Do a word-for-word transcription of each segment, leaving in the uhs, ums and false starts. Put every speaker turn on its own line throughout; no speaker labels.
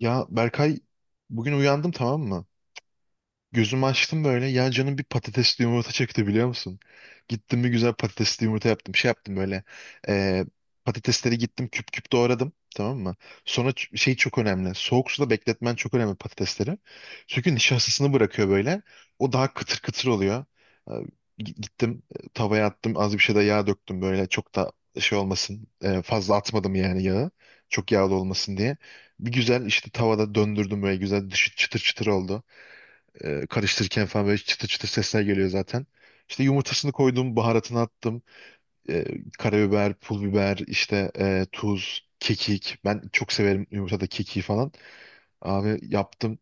Ya Berkay, bugün uyandım, tamam mı? Gözümü açtım böyle. Ya canım bir patatesli yumurta çekti, biliyor musun? Gittim bir güzel patatesli yumurta yaptım. Şey yaptım böyle. eee, Patatesleri gittim küp küp doğradım. Tamam mı? Sonra ç- şey çok önemli. Soğuk suda bekletmen çok önemli, patatesleri. Çünkü nişastasını bırakıyor böyle. O daha kıtır kıtır oluyor. Ee, gi- Gittim e, tavaya attım. Az bir şey de yağ döktüm böyle. Çok da şey olmasın. e, Fazla atmadım yani yağı. Çok yağlı olmasın diye. Bir güzel işte tavada döndürdüm böyle, güzel, dışı çıtır çıtır oldu. E, karıştırırken falan böyle çıtır çıtır sesler geliyor zaten. İşte yumurtasını koydum, baharatını attım. E, Karabiber, pul biber, işte e, tuz, kekik. Ben çok severim yumurtada kekiği falan. Abi, yaptım.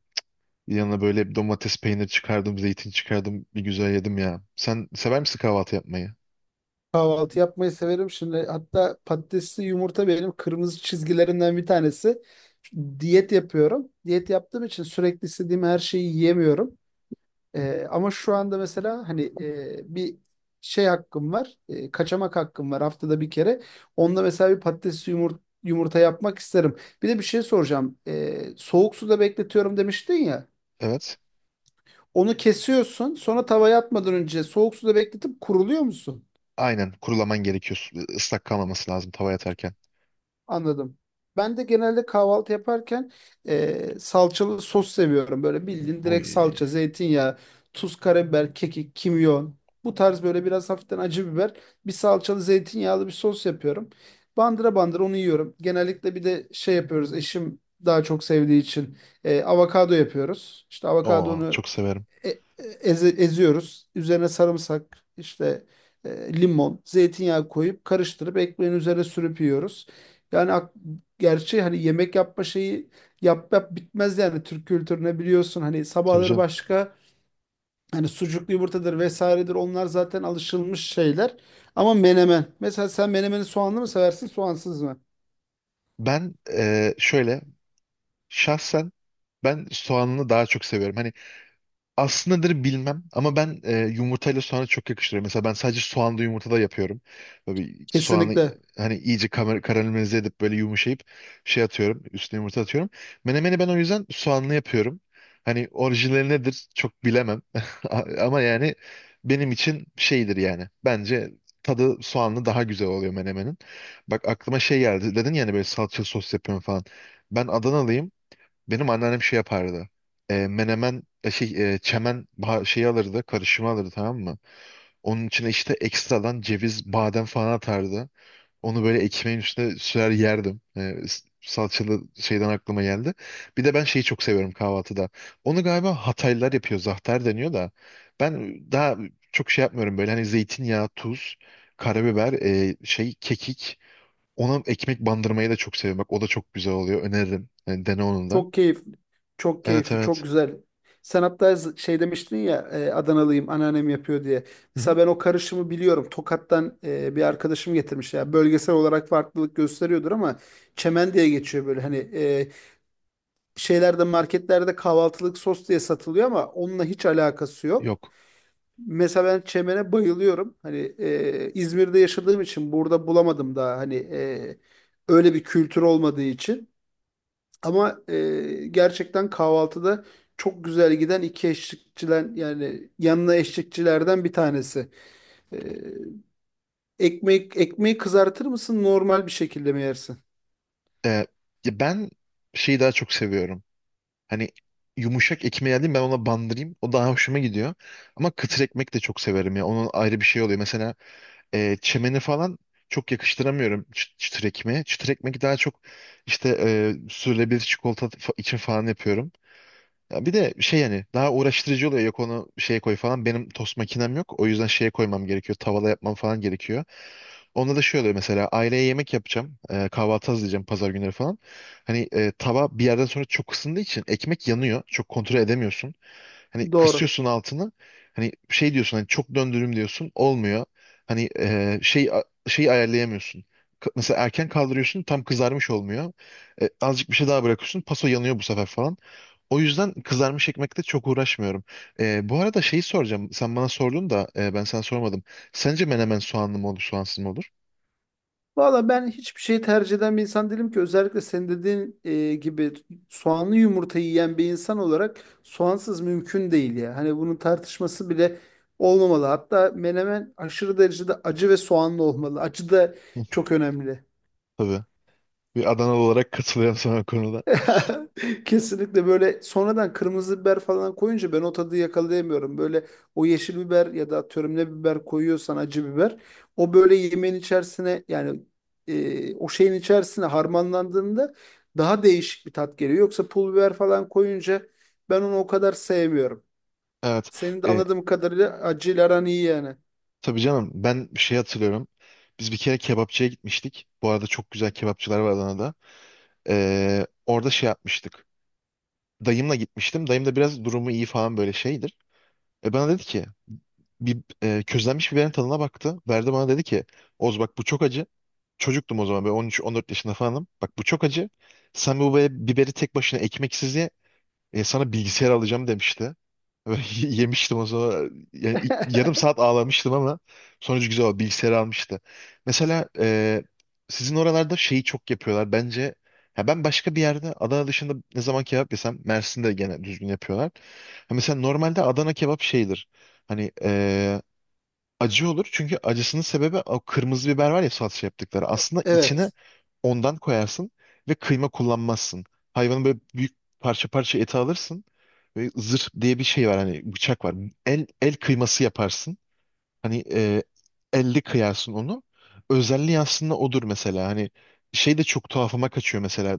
Yanına böyle bir domates, peynir çıkardım, zeytin çıkardım. Bir güzel yedim ya. Sen sever misin kahvaltı yapmayı?
Kahvaltı yapmayı severim. Şimdi hatta patatesli yumurta benim kırmızı çizgilerimden bir tanesi. Diyet yapıyorum. Diyet yaptığım için sürekli istediğim her şeyi yiyemiyorum. Ee, ama şu anda mesela hani e, bir şey hakkım var. E, kaçamak hakkım var haftada bir kere. Onunla mesela bir patatesli yumurta, yumurta yapmak isterim. Bir de bir şey soracağım. Ee, soğuk suda bekletiyorum demiştin ya.
Evet.
Onu kesiyorsun. Sonra tavaya atmadan önce soğuk suda bekletip kuruluyor musun?
Aynen. Kurulaman gerekiyor. Su- Islak kalmaması lazım tavaya atarken.
Anladım. Ben de genelde kahvaltı yaparken e, salçalı sos seviyorum. Böyle bildiğin direkt
Oy.
salça, zeytinyağı, tuz, karabiber, kekik, kimyon. Bu tarz böyle biraz hafiften acı biber. Bir salçalı zeytinyağlı bir sos yapıyorum. Bandıra bandıra onu yiyorum. Genellikle bir de şey yapıyoruz. Eşim daha çok sevdiği için e, avokado yapıyoruz. İşte
Oo,
avokadonu
çok severim.
e- e, eze- eziyoruz. Üzerine sarımsak, işte e, limon, zeytinyağı koyup karıştırıp ekmeğin üzerine sürüp yiyoruz. Yani ak- Gerçi hani yemek yapma şeyi yap yap bitmez yani Türk kültürüne biliyorsun hani
Tabii
sabahları
canım.
başka hani sucuklu yumurtadır vesairedir onlar zaten alışılmış şeyler. Ama menemen. Mesela sen menemeni soğanlı mı seversin soğansız mı?
Ben e, şöyle, şahsen ben soğanını daha çok seviyorum. Hani aslındadır bilmem ama ben e, yumurtayla soğanı çok yakıştırıyorum. Mesela ben sadece soğanlı yumurta da yapıyorum. Böyle bir soğanı e,
Kesinlikle.
hani iyice kamer- karamelize edip böyle yumuşayıp şey atıyorum. Üstüne yumurta atıyorum. Menemeni ben o yüzden soğanlı yapıyorum. Hani orijinali nedir çok bilemem. A- Ama yani benim için şeydir yani. Bence tadı soğanlı daha güzel oluyor menemenin. Bak aklıma şey geldi. Dedin yani böyle salça sos yapıyorum falan. Ben Adanalıyım. Benim anneannem şey yapardı. E, menemen e, şey e, çemen ba- şeyi alırdı, karışımı alırdı, tamam mı? Onun içine işte ekstradan ceviz, badem falan atardı. Onu böyle ekmeğin üstüne sürer yerdim. E, s- salçalı şeyden aklıma geldi. Bir de ben şeyi çok seviyorum kahvaltıda. Onu galiba Hataylılar yapıyor, zahter deniyor da. Ben daha çok şey yapmıyorum, böyle hani zeytinyağı, tuz, karabiber, e, şey, kekik. Ona ekmek bandırmayı da çok seviyorum. Bak, o da çok güzel oluyor. Öneririm. Yani dene onun da.
Çok keyifli. Çok
Evet,
keyifli, çok
evet.
güzel. Sen hatta z- şey demiştin ya, e, Adanalıyım anneannem yapıyor diye.
Hı hı.
Mesela ben o karışımı biliyorum. Tokat'tan e, bir arkadaşım getirmiş. Ya bölgesel olarak farklılık gösteriyordur ama çemen diye geçiyor böyle. Hani e, şeylerde, marketlerde kahvaltılık sos diye satılıyor ama onunla hiç alakası yok.
Yok.
Mesela ben çemene bayılıyorum. Hani e, İzmir'de yaşadığım için burada bulamadım daha. Hani e, öyle bir kültür olmadığı için. Ama e, gerçekten kahvaltıda çok güzel giden iki eşlikçilen yani yanına eşlikçilerden bir tanesi. E, Ekmek, ekmeği kızartır mısın, normal bir şekilde mi yersin?
Ee, Ya ben şeyi daha çok seviyorum. Hani yumuşak ekmeği alayım ben, ona bandırayım. O daha hoşuma gidiyor. Ama kıtır ekmek de çok severim ya. Onun ayrı bir şey oluyor. Mesela e, çemeni falan çok yakıştıramıyorum çı- çıtır ekmeğe. Çıtır ekmek daha çok işte e, sürülebilir çikolata fa- için falan yapıyorum. Ya bir de şey, yani daha uğraştırıcı oluyor. Yok, onu şeye koy falan. Benim tost makinem yok. O yüzden şeye koymam gerekiyor. Tavada yapmam falan gerekiyor. Onda da şey oluyor, mesela aileye yemek yapacağım. E, kahvaltı hazırlayacağım pazar günleri falan. Hani e, tava bir yerden sonra çok ısındığı için ekmek yanıyor. Çok kontrol edemiyorsun. Hani
Doğru.
kısıyorsun altını. Hani şey diyorsun, hani çok döndürüm diyorsun. Olmuyor. Hani e, şey şeyi ayarlayamıyorsun. K- Mesela erken kaldırıyorsun, tam kızarmış olmuyor. E, azıcık bir şey daha bırakıyorsun. Paso yanıyor bu sefer falan. O yüzden kızarmış ekmekte çok uğraşmıyorum. E, bu arada şeyi soracağım. Sen bana sordun da e, ben sana sormadım. Sence menemen soğanlı mı olur, soğansız mı olur?
Valla ben hiçbir şey tercih eden bir insan değilim ki, özellikle senin dediğin e, gibi soğanlı yumurtayı yiyen bir insan olarak soğansız mümkün değil ya. Hani bunun tartışması bile olmamalı. Hatta menemen aşırı derecede acı ve soğanlı olmalı. Acı da
Hı.
çok önemli.
Tabii. Bir Adanalı olarak katılıyorum sana o konuda.
Kesinlikle böyle sonradan kırmızı biber falan koyunca ben o tadı yakalayamıyorum. Böyle o yeşil biber ya da atıyorum ne biber koyuyorsan acı biber o böyle yemeğin içerisine yani e, o şeyin içerisine harmanlandığında daha değişik bir tat geliyor. Yoksa pul biber falan koyunca ben onu o kadar sevmiyorum.
Evet.
Senin de
E,
anladığım kadarıyla acıyla aran iyi yani.
tabii canım, ben bir şey hatırlıyorum. Biz bir kere kebapçıya gitmiştik. Bu arada çok güzel kebapçılar var Adana'da. E, orada şey yapmıştık. Dayımla gitmiştim. Dayım da biraz durumu iyi falan, böyle şeydir. E, bana dedi ki bir e, közlenmiş biberin tadına baktı. Verdi bana, dedi ki: "Oz, bak bu çok acı." Çocuktum o zaman, böyle on üç on dört yaşında falanım. "Bak, bu çok acı. Sen bu be- biberi tek başına ekmeksiz ye. E, sana bilgisayar alacağım," demişti. Yemiştim o zaman. Yani ilk- yarım saat ağlamıştım ama sonucu güzel oldu. Bilgisayarı almıştı. Mesela e, sizin oralarda şeyi çok yapıyorlar. Bence, ya, ben başka bir yerde, Adana dışında, ne zaman kebap yesem Mersin'de gene düzgün yapıyorlar. Ha, mesela normalde Adana kebap şeydir. Hani e, acı olur, çünkü acısının sebebi o kırmızı biber var ya, salça yaptıkları. Aslında içine
Evet.
ondan koyarsın ve kıyma kullanmazsın. Hayvanın böyle büyük parça parça eti alırsın. Ve zırh diye bir şey var, hani bıçak var. El el kıyması yaparsın. Hani e, elle kıyarsın onu. Özelliği aslında odur mesela. Hani şey de çok tuhafıma kaçıyor mesela.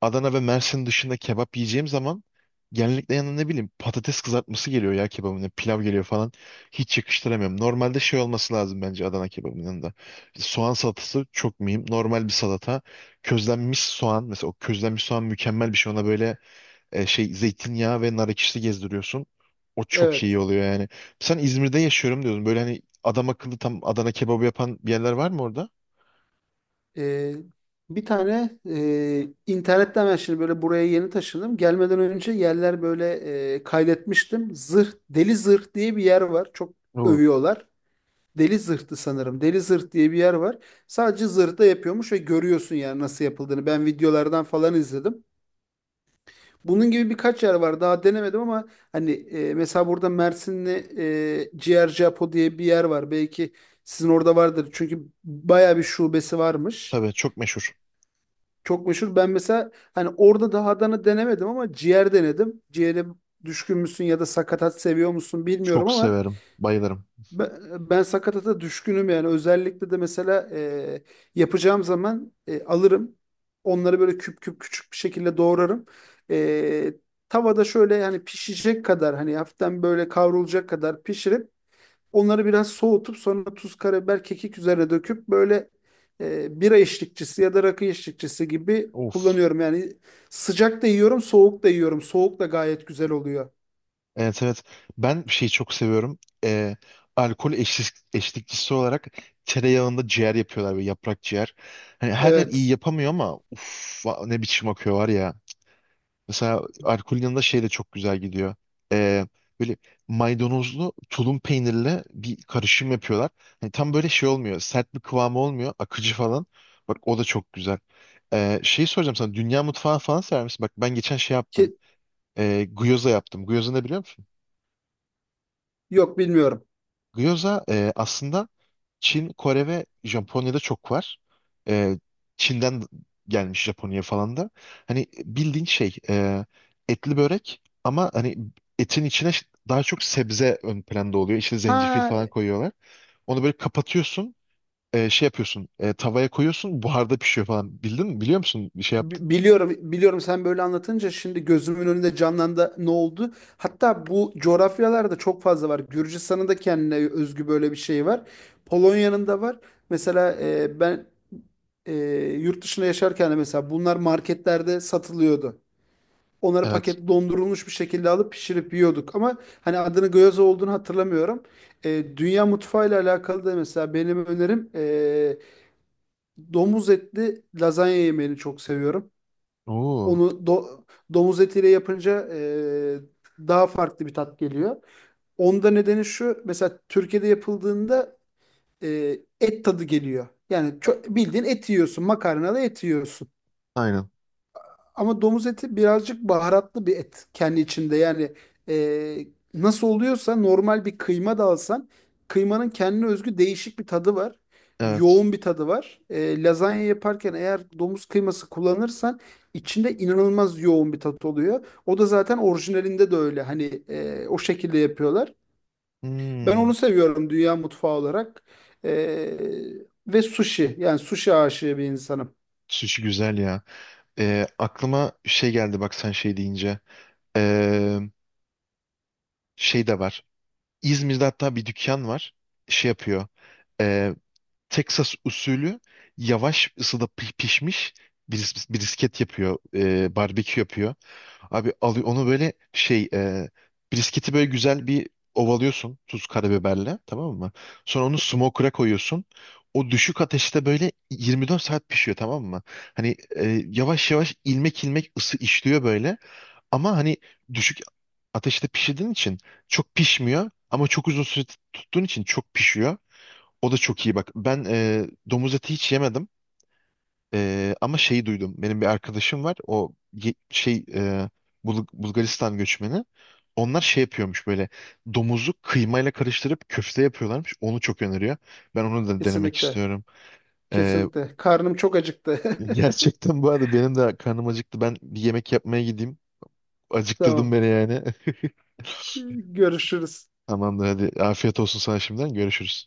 Adana ve Mersin dışında kebap yiyeceğim zaman genellikle yanına ne bileyim patates kızartması geliyor ya, kebabına pilav geliyor falan. Hiç yakıştıramıyorum. Normalde şey olması lazım bence Adana kebabının yanında. İşte soğan salatası çok mühim. Normal bir salata. Közlenmiş soğan mesela, o közlenmiş soğan mükemmel bir şey. Ona böyle e, şey, zeytinyağı ve nar ekşisi gezdiriyorsun. O çok iyi
Evet.
oluyor yani. Sen İzmir'de yaşıyorum diyordun. Böyle hani adam akıllı tam Adana kebabı yapan bir yerler var mı orada?
Ee, Bir tane e, internetten ben şimdi böyle buraya yeni taşındım. Gelmeden önce yerler böyle e, kaydetmiştim. Zırh, Deli Zırh diye bir yer var. Çok
Oo.
övüyorlar. Deli Zırh'tı sanırım. Deli Zırh diye bir yer var. Sadece zırhta yapıyormuş ve görüyorsun yani nasıl yapıldığını. Ben videolardan falan izledim. Bunun gibi birkaç yer var. Daha denemedim ama hani e, mesela burada Mersin'de e, Ciğerci Apo diye bir yer var. Belki sizin orada vardır. Çünkü baya bir şubesi varmış.
Tabii, çok meşhur.
Çok meşhur. Ben mesela hani orada da Adana denemedim ama ciğer denedim. Ciğere düşkün müsün ya da sakatat seviyor musun bilmiyorum
Çok
ama
severim. Bayılırım.
ben, ben sakatata düşkünüm yani. Özellikle de mesela e, yapacağım zaman e, alırım. Onları böyle küp küp küçük bir şekilde doğrarım. E, Tavada şöyle yani pişecek kadar hani hafiften böyle kavrulacak kadar pişirip onları biraz soğutup sonra tuz, karabiber, kekik üzerine döküp böyle e, bira eşlikçisi ya da rakı eşlikçisi gibi
Of.
kullanıyorum. Yani sıcak da yiyorum, soğuk da yiyorum. Soğuk da gayet güzel oluyor.
Evet, evet. Ben şeyi çok seviyorum. Ee, alkol eşlik, eşlikçisi olarak tereyağında ciğer yapıyorlar, böyle yaprak ciğer. Hani her yer iyi
Evet.
yapamıyor ama uf, va- ne biçim akıyor var ya. Mesela alkolün yanında şey de çok güzel gidiyor. Ee, Böyle maydanozlu tulum peynirle bir karışım yapıyorlar. Hani tam böyle şey olmuyor. Sert bir kıvamı olmuyor. Akıcı falan. Bak, o da çok güzel. Ee, şeyi soracağım sana. Dünya mutfağı falan sever misin? Bak, ben geçen şey yaptım.
Ki,
Ee, gyoza yaptım. Gyoza ne, biliyor musun?
yok, bilmiyorum.
Gyoza e, aslında Çin, Kore ve Japonya'da çok var. E, Çin'den gelmiş Japonya falan da. Hani bildiğin şey, e, etli börek ama hani etin içine ş- daha çok sebze ön planda oluyor. İçine zencefil
Ha,
falan koyuyorlar. Onu böyle kapatıyorsun. E, şey yapıyorsun. E, tavaya koyuyorsun. Buharda pişiyor falan. Bildin mi? Biliyor musun? Bir şey yaptın.
bi- biliyorum, biliyorum. Sen böyle anlatınca şimdi gözümün önünde canlandı. Ne oldu? Hatta bu coğrafyalarda çok fazla var. Gürcistan'ın da kendine özgü böyle bir şey var. Polonya'nın da var. Mesela e, ben e, yurt dışında yaşarken de mesela bunlar marketlerde satılıyordu. Onları
Evet.
paketli dondurulmuş bir şekilde alıp pişirip yiyorduk. Ama hani adını gyoza olduğunu hatırlamıyorum. E, dünya mutfağıyla alakalı da mesela benim önerim, e, domuz etli lazanya yemeğini çok seviyorum.
Oo.
Onu do- domuz etiyle yapınca e, daha farklı bir tat geliyor. Onda nedeni şu: mesela Türkiye'de yapıldığında e, et tadı geliyor. Yani çok, bildiğin et yiyorsun, makarnalı et yiyorsun.
Aynen.
Ama domuz eti birazcık baharatlı bir et kendi içinde. Yani e, nasıl oluyorsa normal bir kıyma da alsan kıymanın kendine özgü değişik bir tadı var.
Evet.
Yoğun bir tadı var. E, lazanya yaparken eğer domuz kıyması kullanırsan içinde inanılmaz yoğun bir tat oluyor. O da zaten orijinalinde de öyle. Hani e, o şekilde yapıyorlar. Ben
Hmm.
onu seviyorum dünya mutfağı olarak. E, Ve sushi. Yani sushi aşığı bir insanım.
Sushi güzel ya. Ee, aklıma şey geldi, bak, sen şey deyince. Ee, Şey de var. İzmir'de hatta bir dükkan var. Şey yapıyor. Ee, Texas usulü yavaş ısıda pi- pişmiş bris- brisket yapıyor. Ee, barbekü yapıyor. Abi, alıyor onu böyle şey, ee, brisketi böyle güzel bir ovalıyorsun tuz karabiberle, tamam mı? Sonra onu smoker'a koyuyorsun. O düşük ateşte böyle yirmi dört saat pişiyor, tamam mı? Hani ee, yavaş yavaş ilmek ilmek ısı işliyor böyle. Ama hani düşük ateşte pişirdiğin için çok pişmiyor ama çok uzun süre tut- tuttuğun için çok pişiyor. O da çok iyi, bak. Ben e, domuz eti hiç yemedim. E, ama şeyi duydum. Benim bir arkadaşım var. O, ye- şey, e, Bul- Bulgaristan göçmeni. Onlar şey yapıyormuş böyle, domuzu kıymayla karıştırıp köfte yapıyorlarmış. Onu çok öneriyor. Ben onu da denemek
Kesinlikle.
istiyorum. E,
Kesinlikle. Karnım çok acıktı.
Gerçekten bu arada benim de karnım acıktı. Ben bir yemek yapmaya gideyim. Acıktırdın
Tamam.
beni yani.
Görüşürüz.
Tamamdır, hadi. Afiyet olsun sana şimdiden. Görüşürüz.